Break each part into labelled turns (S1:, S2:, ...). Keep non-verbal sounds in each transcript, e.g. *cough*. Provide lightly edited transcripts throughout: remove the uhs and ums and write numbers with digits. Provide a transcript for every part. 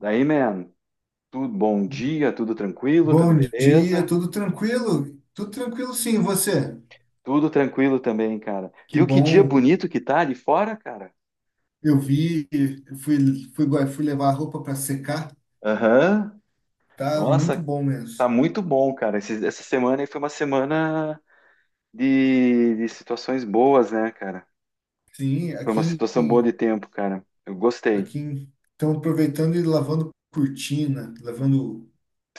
S1: Daí, man, tudo bom dia, tudo tranquilo, tudo
S2: Bom dia,
S1: beleza?
S2: tudo tranquilo? Tudo tranquilo, sim, e você?
S1: Tudo tranquilo também, cara.
S2: Que
S1: Viu que dia
S2: bom.
S1: bonito que tá ali fora, cara?
S2: Eu vi, eu fui, fui levar a roupa para secar.
S1: Aham.
S2: Tá muito
S1: Nossa,
S2: bom
S1: tá
S2: mesmo.
S1: muito bom, cara. Essa semana aí foi uma semana de situações boas, né, cara?
S2: Sim,
S1: Foi uma situação boa de tempo, cara. Eu gostei.
S2: estão aproveitando e lavando cortina, lavando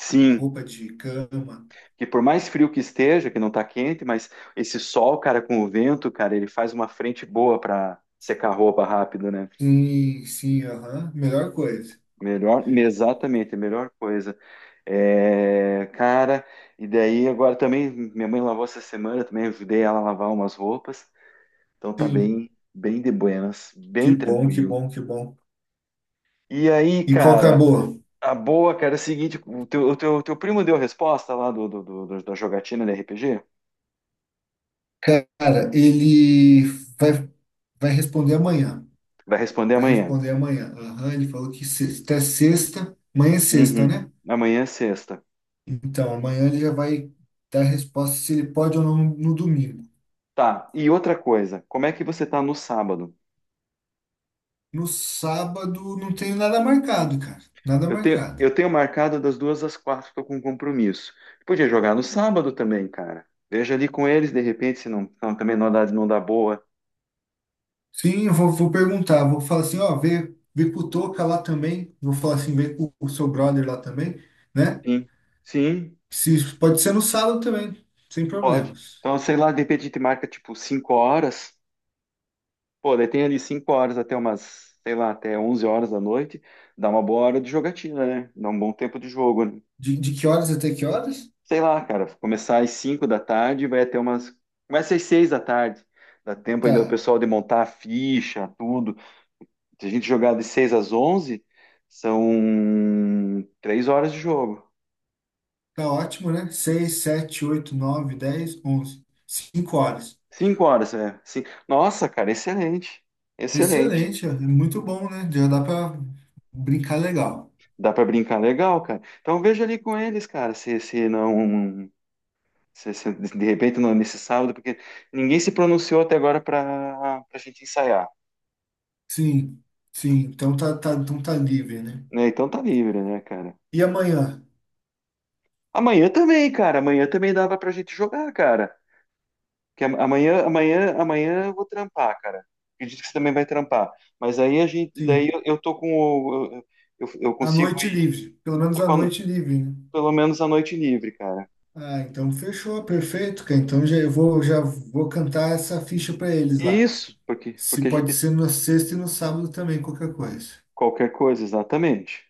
S1: Sim,
S2: roupa de cama.
S1: que por mais frio que esteja, que não tá quente, mas esse sol, cara, com o vento, cara, ele faz uma frente boa pra secar roupa rápido, né?
S2: Sim, sim, aham, melhor coisa.
S1: Melhor, exatamente, a melhor coisa. É, cara, e daí agora também minha mãe lavou essa semana, também ajudei ela a lavar umas roupas, então tá
S2: Sim,
S1: bem, bem de buenas,
S2: que
S1: bem
S2: bom, que
S1: tranquilo.
S2: bom, que bom.
S1: E aí,
S2: E qual que é a
S1: cara,
S2: boa?
S1: a boa, cara, é o seguinte, o teu primo deu a resposta lá da jogatina da RPG?
S2: Cara, ele vai, vai responder amanhã.
S1: Vai responder
S2: Vai
S1: amanhã.
S2: responder amanhã. A ele falou que até sexta. Amanhã é sexta,
S1: Uhum.
S2: né?
S1: Amanhã é sexta.
S2: Então, amanhã ele já vai dar a resposta se ele pode ou não no domingo.
S1: Tá, e outra coisa, como é que você tá no sábado?
S2: No sábado não tenho nada marcado, cara. Nada
S1: Eu tenho,
S2: marcado.
S1: eu tenho marcado das 2 às 4, estou com um compromisso. Podia jogar no sábado também, cara. Veja ali com eles, de repente, se não, também não dá boa.
S2: Sim, eu vou perguntar. Vou falar assim, ó, vê com o Toca lá também. Vou falar assim, vê com o seu brother lá também, né?
S1: Sim, sim,
S2: Se, pode ser no sábado também, sem
S1: pode.
S2: problemas.
S1: Então, sei lá, de repente a gente marca tipo 5 horas. Pô, daí tem ali 5 horas até umas, sei lá, até 11 horas da noite. Dá uma boa hora de jogatina, né? Dá um bom tempo de jogo, né?
S2: De que horas até que horas?
S1: Sei lá, cara, começar às 5 da tarde, vai até umas. Começa às 6 da tarde. Dá tempo ainda o
S2: Tá.
S1: pessoal de montar a ficha, tudo. Se a gente jogar de 6 às 11, são 3 horas de jogo.
S2: Tá ótimo, né? Seis, sete, oito, nove, dez, onze, 5 horas.
S1: Cinco horas, é. Nossa, cara, excelente. Excelente.
S2: Excelente, é muito bom, né? Já dá para brincar legal.
S1: Dá pra brincar legal, cara. Então veja ali com eles, cara, se não. Se de repente não é nesse sábado, porque ninguém se pronunciou até agora pra gente ensaiar,
S2: Sim, sim. Então tá, tá, então tá livre, né?
S1: né? Então tá livre, né, cara?
S2: E amanhã?
S1: Amanhã também, cara. Amanhã também dava pra gente jogar, cara. Que amanhã eu vou trampar, cara. Acredito que você também vai trampar. Mas aí a gente, daí
S2: Sim.
S1: eu tô com o, eu
S2: A
S1: consigo
S2: noite livre. Pelo menos
S1: ir
S2: a noite livre, né?
S1: pelo menos a noite livre, cara.
S2: Ah, então fechou, perfeito, cara. Então já eu vou, já vou cantar essa ficha para eles lá.
S1: Isso, porque
S2: Se
S1: porque a
S2: pode
S1: gente
S2: ser na sexta e no sábado também, qualquer coisa.
S1: qualquer coisa, exatamente.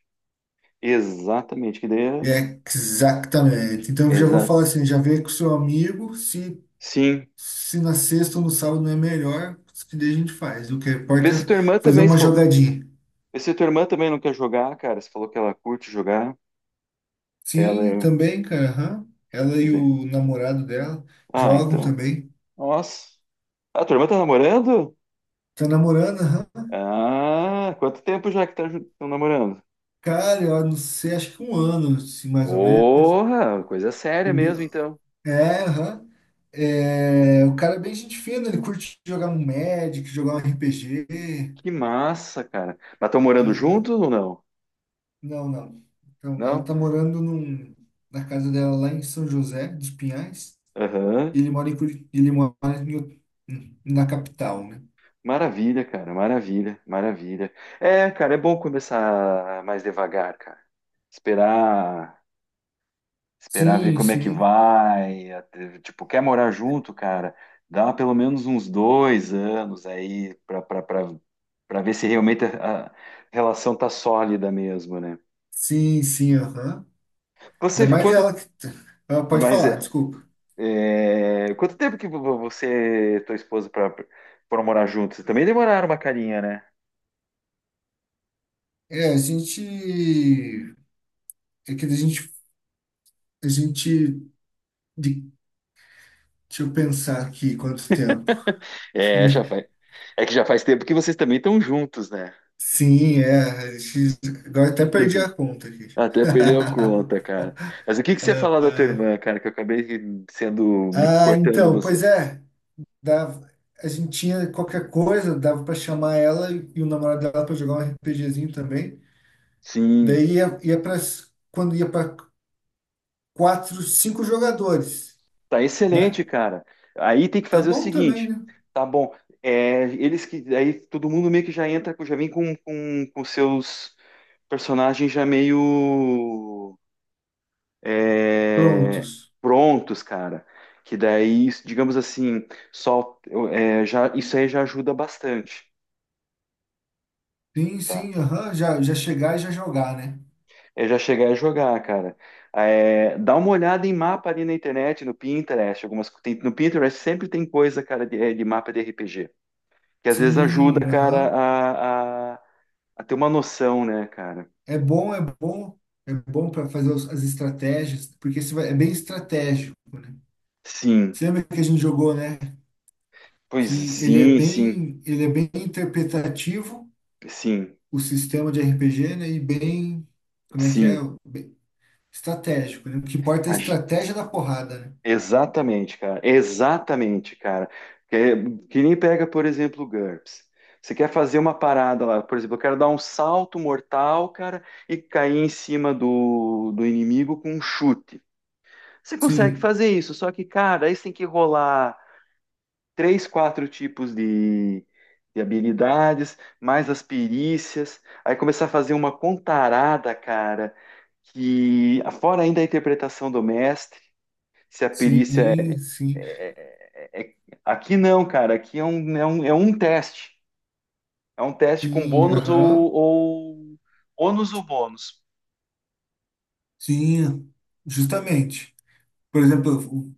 S1: Exatamente, que daí
S2: Exatamente. Então
S1: é.
S2: eu já vou
S1: Exato.
S2: falar assim, já vê com o seu amigo, se
S1: Sim.
S2: Se na sexta ou no sábado não é melhor, que daí a gente faz. O que
S1: Vê
S2: importa
S1: se
S2: é
S1: tua irmã
S2: fazer
S1: também,
S2: uma
S1: se falou,
S2: jogadinha.
S1: vê se tua irmã também não quer jogar, cara. Você falou que ela curte jogar. Ela
S2: Sim,
S1: é.
S2: também, cara. Aham. Ela e o namorado dela
S1: Ah,
S2: jogam
S1: então.
S2: também.
S1: Nossa. Ah, tua irmã tá namorando?
S2: Tá namorando, aham.
S1: Ah, quanto tempo já que tá tão namorando?
S2: Cara, eu não sei, acho que um ano, assim, mais ou menos.
S1: Porra, coisa
S2: O
S1: séria
S2: bi-
S1: mesmo, então.
S2: É, aham. É, o cara é bem gente fina, ele curte jogar um Magic, jogar um RPG.
S1: Que massa, cara. Mas estão morando
S2: Aham.
S1: juntos ou não?
S2: Não, não. Então, ela
S1: Não?
S2: tá morando na casa dela lá em São José dos Pinhais.
S1: Aham.
S2: Ele mora em Curi... ele mora em Ut- na capital, né?
S1: Maravilha, cara. Maravilha, maravilha. É, cara, é bom começar mais devagar, cara. Esperar, esperar ver
S2: Sim,
S1: como é que
S2: sim.
S1: vai. Tipo, quer morar junto, cara? Dá pelo menos uns 2 anos aí pra ver se realmente a relação tá sólida mesmo, né?
S2: Sim, sim, aham.
S1: Você
S2: Ainda mais
S1: ficou.
S2: ela que. Ela pode
S1: Mas
S2: falar,
S1: é.
S2: desculpa.
S1: Quanto tempo que você e tua esposa foram morar juntos? Vocês também demoraram uma carinha, né?
S2: É, a gente. É que a gente. A gente. de- Deixa eu pensar aqui quanto tempo.
S1: É, já faz.
S2: *laughs*
S1: É que já faz tempo que vocês também estão juntos, né?
S2: Sim, é. Agora até perdi a
S1: *laughs*
S2: conta aqui.
S1: Até perdeu a
S2: *laughs*
S1: conta, cara. Mas o que que você ia falar da tua irmã, cara? Que eu acabei sendo me
S2: Ah,
S1: cortando
S2: então, pois
S1: você.
S2: é. Dava, a gente tinha qualquer coisa, dava pra chamar ela e o namorado dela pra jogar um RPGzinho também.
S1: Sim,
S2: Daí ia, ia para quando ia para quatro, cinco jogadores,
S1: tá excelente,
S2: né?
S1: cara. Aí tem que
S2: Tá
S1: fazer o
S2: bom também,
S1: seguinte,
S2: né?
S1: tá bom? É, eles que aí todo mundo meio que já entra, já vem com com seus personagens já meio é,
S2: Prontos.
S1: prontos, cara. Que daí, digamos assim, só é, já, isso aí já ajuda bastante,
S2: Sim,
S1: tá?
S2: sim, aham. Já chegar e já jogar, né?
S1: É já chegar a jogar, cara. É, dá uma olhada em mapa ali na internet, no Pinterest, no Pinterest sempre tem coisa, cara, de mapa de RPG, que às vezes ajuda,
S2: Sim,
S1: cara,
S2: aham.
S1: a ter uma noção, né, cara?
S2: É bom, é bom. É bom para fazer as estratégias, porque é bem estratégico, né?
S1: Sim,
S2: Você lembra que a gente jogou, né?
S1: pois
S2: Que
S1: sim, sim,
S2: ele é bem interpretativo,
S1: sim,
S2: o sistema de RPG, né? E bem, como é que é?
S1: sim.
S2: Bem estratégico, né? O que importa é a estratégia da porrada, né?
S1: Exatamente, cara. Exatamente, cara. Que nem pega, por exemplo, o GURPS. Você quer fazer uma parada lá, por exemplo, eu quero dar um salto mortal, cara, e cair em cima do inimigo com um chute. Você consegue
S2: Sim,
S1: fazer isso, só que, cara, aí você tem que rolar três, quatro tipos de habilidades, mais as perícias, aí começar a fazer uma contarada, cara, que fora ainda a interpretação do mestre, se a perícia
S2: sim, sim,
S1: é- é- aqui não, cara. Aqui é um teste. É um teste com
S2: sim,
S1: bônus
S2: aham,
S1: ou ônus ou bônus.
S2: sim, justamente. Por exemplo,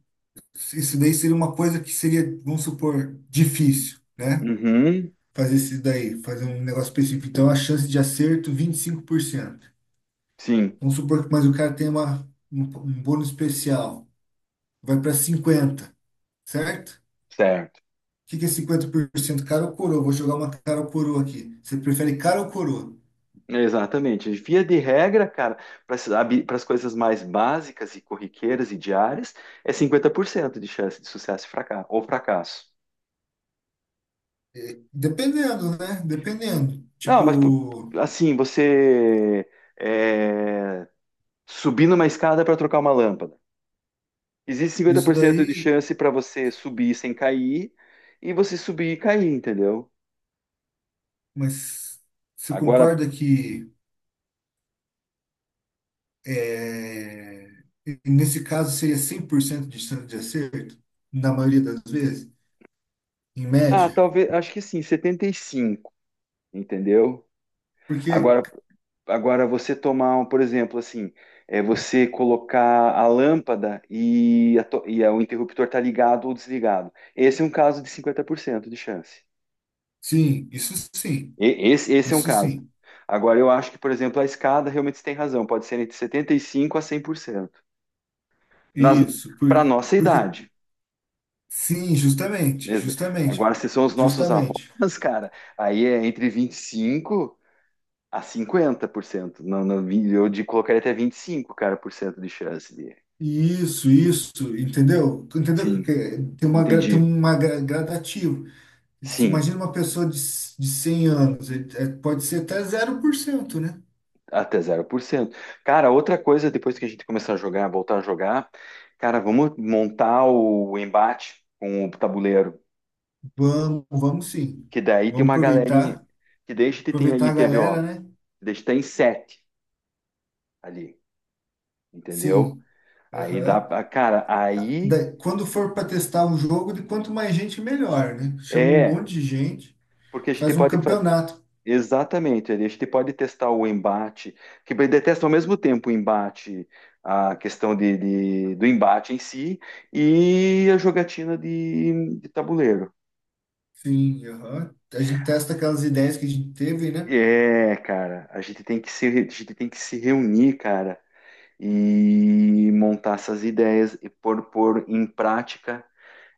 S2: isso daí seria uma coisa que seria, vamos supor, difícil, né?
S1: Uhum,
S2: Fazer isso daí, fazer um negócio específico. Então, a chance de acerto, 25%.
S1: sim,
S2: Vamos supor que, mas o cara tem um bônus especial, vai para 50, certo?
S1: certo.
S2: O que que é 50%? Cara ou coroa? Vou jogar uma cara ou coroa aqui. Você prefere cara ou coroa?
S1: Exatamente. Via de regra, cara, para as coisas mais básicas e corriqueiras e diárias, é 50% de chance de sucesso e ou fracasso.
S2: Dependendo, né? Dependendo.
S1: Não, mas pô,
S2: Tipo.
S1: assim, você é, subir numa escada para trocar uma lâmpada. Existe cinquenta
S2: Isso
S1: por cento de
S2: daí,
S1: chance para você subir sem cair e você subir e cair, entendeu?
S2: mas você
S1: Agora,
S2: concorda que é, nesse caso seria 100% de chance de acerto, na maioria das vezes, em média?
S1: talvez, acho que sim, 75, entendeu? Agora,
S2: Porque,
S1: agora você tomar, um, por exemplo, assim, é você colocar a lâmpada e, a to- e a- o interruptor tá ligado ou desligado. Esse é um caso de 50% de chance.
S2: sim, isso sim,
S1: Esse é um
S2: isso
S1: caso.
S2: sim,
S1: Agora, eu acho que, por exemplo, a escada realmente você tem razão, pode ser entre 75 a 100%. Nas,
S2: isso, por,
S1: Para nossa
S2: porque,
S1: idade.
S2: sim, justamente,
S1: Exa-
S2: justamente,
S1: Agora, se são os nossos
S2: justamente.
S1: avós, cara, aí é entre 25 a 50%. Não, não, eu de colocaria até 25 cara, por cento de chance de.
S2: Isso, entendeu? Tu entendeu
S1: Sim,
S2: é? Tem uma,
S1: entendi.
S2: gradativo. Isso.
S1: Sim,
S2: Imagina uma pessoa de 100 anos, é, pode ser até 0%, né?
S1: até 0%. Cara, outra coisa, depois que a gente começar a jogar, voltar a jogar, cara, vamos montar o embate com o tabuleiro,
S2: Vamos, vamos sim.
S1: que daí tem
S2: Vamos
S1: uma galerinha, que daí a gente tem
S2: aproveitar
S1: ali,
S2: a
S1: quer ver,
S2: galera,
S1: ó,
S2: né?
S1: daí a gente tá em 7 ali, entendeu?
S2: Sim.
S1: Aí dá,
S2: Aham.
S1: cara, aí
S2: Quando for para testar um jogo, de quanto mais gente, melhor, né? Chama um
S1: é
S2: monte de gente,
S1: porque a gente
S2: faz um
S1: pode fazer.
S2: campeonato.
S1: Exatamente, Eli, a gente pode testar o embate, que ele detesta ao mesmo tempo o embate, a questão do embate em si e a jogatina de tabuleiro.
S2: Sim, aham. A gente testa aquelas ideias que a gente teve, né?
S1: É, cara, a gente tem que se, a gente tem que se reunir, cara, e montar essas ideias e pôr em prática,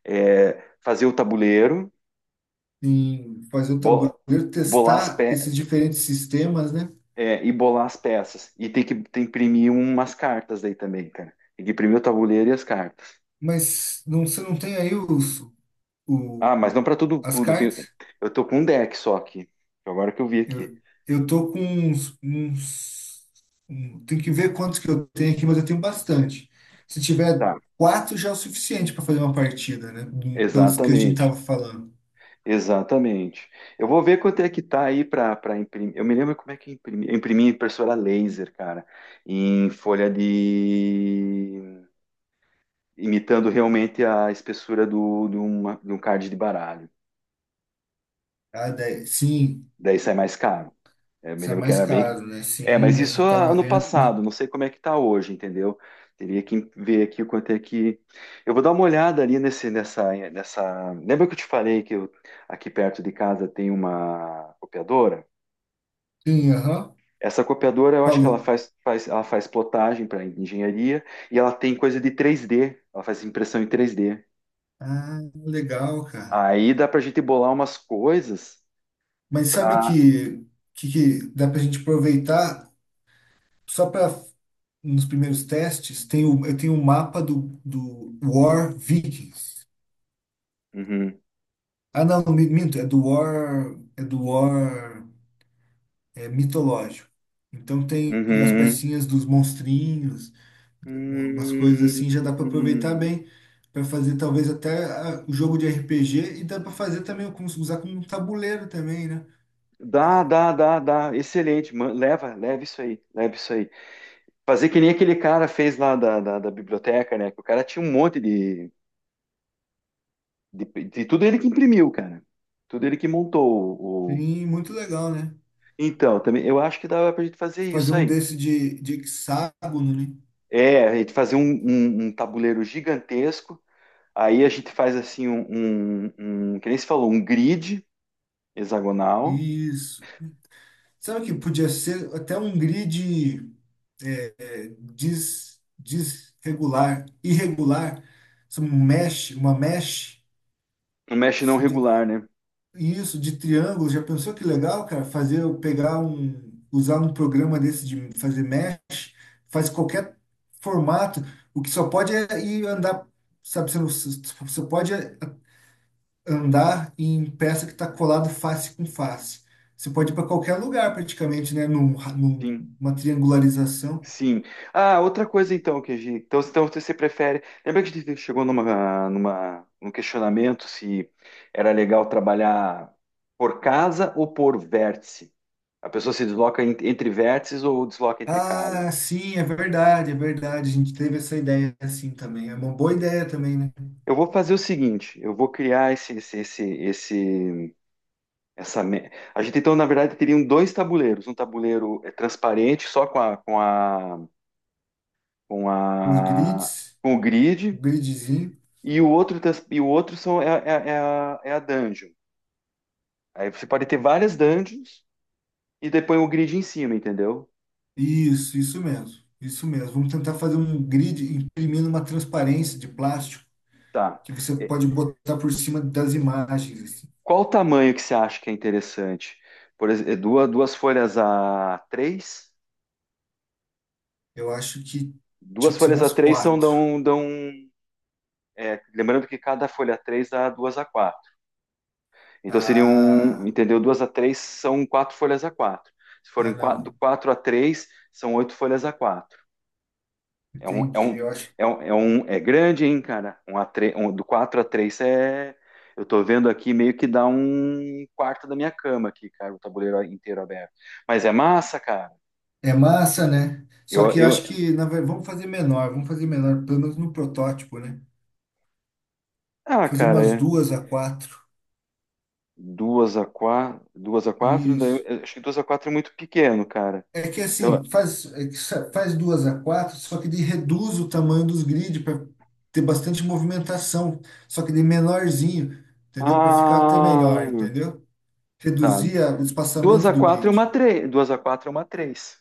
S1: fazer o tabuleiro,
S2: Em fazer o
S1: bo-
S2: tabuleiro,
S1: bolar as,
S2: testar esses diferentes sistemas, né?
S1: e bolar as peças. E tem que imprimir umas cartas daí também, cara. Tem que imprimir o tabuleiro e as cartas.
S2: Mas não, você não tem aí o,
S1: Ah, mas não para tudo,
S2: as
S1: tudo.
S2: cartas?
S1: Eu tô com um deck só aqui. Agora que eu vi aqui.
S2: Eu, eu tô com tem que ver quantos que eu tenho aqui, mas eu tenho bastante. Se tiver
S1: Tá,
S2: quatro já é o suficiente para fazer uma partida, né? Pelos que a gente
S1: exatamente.
S2: tava falando.
S1: Exatamente. Eu vou ver quanto é que tá aí para imprimir. Eu me lembro como é que eu imprimi. Eu imprimi em impressora laser, cara, em folha de. Imitando realmente a espessura de um card de baralho.
S2: Ah, sim,
S1: Daí sai mais caro. É, eu me
S2: isso é
S1: lembro que
S2: mais
S1: era bem.
S2: caro, né?
S1: É, mas
S2: Sim, a
S1: isso
S2: gente tava
S1: ano
S2: vendo.
S1: passado, não sei como é que tá hoje, entendeu? Teria que ver aqui o quanto é que. Eu vou dar uma olhada ali nessa. Lembra que eu te falei que eu, aqui perto de casa tem uma copiadora?
S2: Sim, aham,
S1: Essa copiadora, eu acho que ela
S2: falou.
S1: ela faz plotagem para engenharia e ela tem coisa de 3D. Ela faz impressão em 3D.
S2: Ah, legal, cara.
S1: Aí dá pra gente bolar umas coisas
S2: Mas sabe
S1: pra.
S2: que, que dá pra gente aproveitar só para nos primeiros testes? Eu tenho um mapa do War Vikings.
S1: Uhum,
S2: Ah, não, minto, é do War, mitológico. Então tem as
S1: uhum,
S2: pecinhas dos monstrinhos, umas coisas
S1: hum,
S2: assim, já dá para aproveitar
S1: hum.
S2: bem para fazer talvez até o jogo de RPG e dá para fazer também com, usar como um tabuleiro também, né?
S1: Dá, dá, dá, dá. Excelente. Leva, leva isso aí, leva isso aí. Fazer que nem aquele cara fez lá da biblioteca, né? Que o cara tinha um monte de tudo ele que imprimiu, cara. Tudo ele que montou o.
S2: E muito legal, né?
S1: Então, também eu acho que dava pra gente fazer
S2: Fazer
S1: isso
S2: um
S1: aí.
S2: desse de hexágono, né?
S1: É, a gente fazer um tabuleiro gigantesco. Aí a gente faz assim um, que nem se falou, um grid hexagonal.
S2: Isso. Sabe o que podia ser até um grid desregular, irregular, isso mesh, uma mesh,
S1: Um mesh não
S2: isso de
S1: regular, né?
S2: isso de triângulo, já pensou que legal, cara? Fazer eu pegar um, usar um programa desse de fazer mesh, faz qualquer formato, o que só pode é ir andar, sabe, você, não, você pode andar em peça que está colado face com face. Você pode ir para qualquer lugar praticamente, né?
S1: Sim.
S2: Numa triangularização.
S1: Sim. Ah, outra coisa então que a gente, então você prefere? Lembra que a gente chegou num questionamento se era legal trabalhar por casa ou por vértice? A pessoa se desloca entre vértices ou desloca entre casa?
S2: Ah, sim, é verdade, é verdade. A gente teve essa ideia assim também. É uma boa ideia também, né?
S1: Eu vou fazer o seguinte, eu vou criar essa. A gente então na verdade teriam dois tabuleiros, um tabuleiro transparente só com
S2: Os
S1: a,
S2: grids,
S1: com o
S2: um
S1: grid.
S2: gridzinho.
S1: E o outro, e o outro são, é, é, é a, é a dungeon. Aí você pode ter várias dungeons e depois o grid em cima, entendeu?
S2: Isso mesmo. Isso mesmo. Vamos tentar fazer um grid imprimindo uma transparência de plástico
S1: Tá.
S2: que você
S1: É,
S2: pode botar por cima das imagens, assim.
S1: Qual o tamanho que você acha que é interessante? Por exemplo, duas folhas A3.
S2: Eu acho que tinha
S1: Duas
S2: que ser
S1: folhas a
S2: umas
S1: três são
S2: quatro.
S1: dão, dão é, lembrando que cada folha A3 dá duas A4. Então seriam,
S2: Ah,
S1: entendeu? Duas A3 são quatro folhas A4. Se forem
S2: ah,
S1: quatro, do
S2: não.
S1: 4 A3 são oito folhas A4. É um, é
S2: Entendi.
S1: um,
S2: Eu acho.
S1: é é grande, hein, cara? Um A3 um- do 4 a 3 é. Eu tô vendo aqui meio que dá um quarto da minha cama aqui, cara, o tabuleiro inteiro aberto. Mas é massa, cara.
S2: É massa, né? Só
S1: Eu,
S2: que eu
S1: eu...
S2: acho que, na verdade, vamos fazer menor, pelo menos no protótipo, né?
S1: Ah,
S2: Fazer
S1: cara,
S2: umas
S1: é
S2: duas a quatro.
S1: duas a quatro daí
S2: Isso.
S1: eu acho que 2 A4 é muito pequeno, cara.
S2: É que
S1: Eu...
S2: assim, faz duas a quatro, só que ele reduz o tamanho dos grids para ter bastante movimentação, só que de menorzinho, entendeu? Para ficar até melhor,
S1: Ah,
S2: entendeu?
S1: tá.
S2: Reduzir o
S1: Duas
S2: espaçamento
S1: a
S2: do
S1: 4 é uma
S2: grid.
S1: três. Duas a 4 é uma três.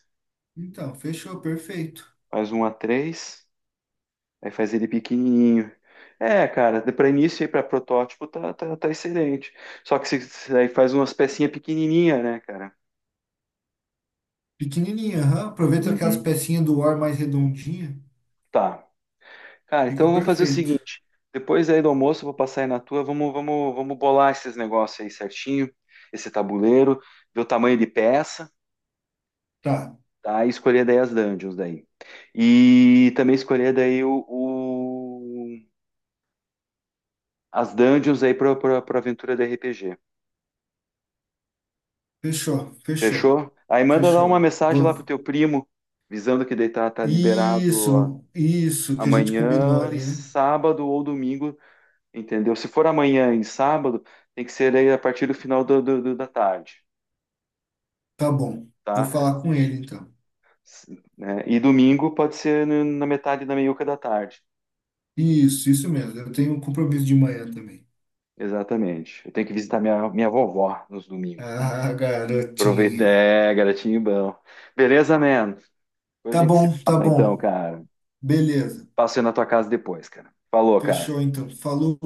S2: Então, fechou, perfeito.
S1: Faz um A3. Aí faz ele pequenininho. É, cara, pra início e para protótipo tá excelente. Só que se aí faz umas pecinhas pequenininha, né, cara?
S2: Pequenininha, aham. Aproveita aquelas
S1: Uhum.
S2: pecinhas do ar mais redondinha,
S1: Tá. Cara, então
S2: fica
S1: eu vou fazer o
S2: perfeito.
S1: seguinte. Depois aí do almoço eu vou passar aí na tua. Vamos, vamos, vamos bolar esses negócios aí certinho. Esse tabuleiro. Ver o tamanho de peça,
S2: Tá,
S1: tá? E escolher daí as dungeons daí. E também escolher daí as dungeons aí para pra aventura do RPG.
S2: fechou, fechou,
S1: Fechou? Aí manda lá uma
S2: fechou.
S1: mensagem lá pro
S2: Vou-
S1: teu primo, visando que daí tá liberado ó,
S2: Isso, isso que a gente combinou
S1: amanhã e
S2: ali, né?
S1: sábado ou domingo, entendeu? Se for amanhã e sábado, tem que ser aí a partir do final da tarde,
S2: Tá bom, vou
S1: tá?
S2: falar com ele então.
S1: S- né? E domingo pode ser na metade da meiuca da tarde,
S2: Isso mesmo. Eu tenho um compromisso de manhã também.
S1: exatamente. Eu tenho que visitar minha vovó nos domingos.
S2: Ah,
S1: Aproveita,
S2: garotinha.
S1: garotinho bom. Beleza, man? Depois a
S2: Tá
S1: gente se
S2: bom, tá
S1: fala então,
S2: bom.
S1: cara.
S2: Beleza.
S1: Passo aí na tua casa depois, cara. Falou, cara.
S2: Fechou então. Falou.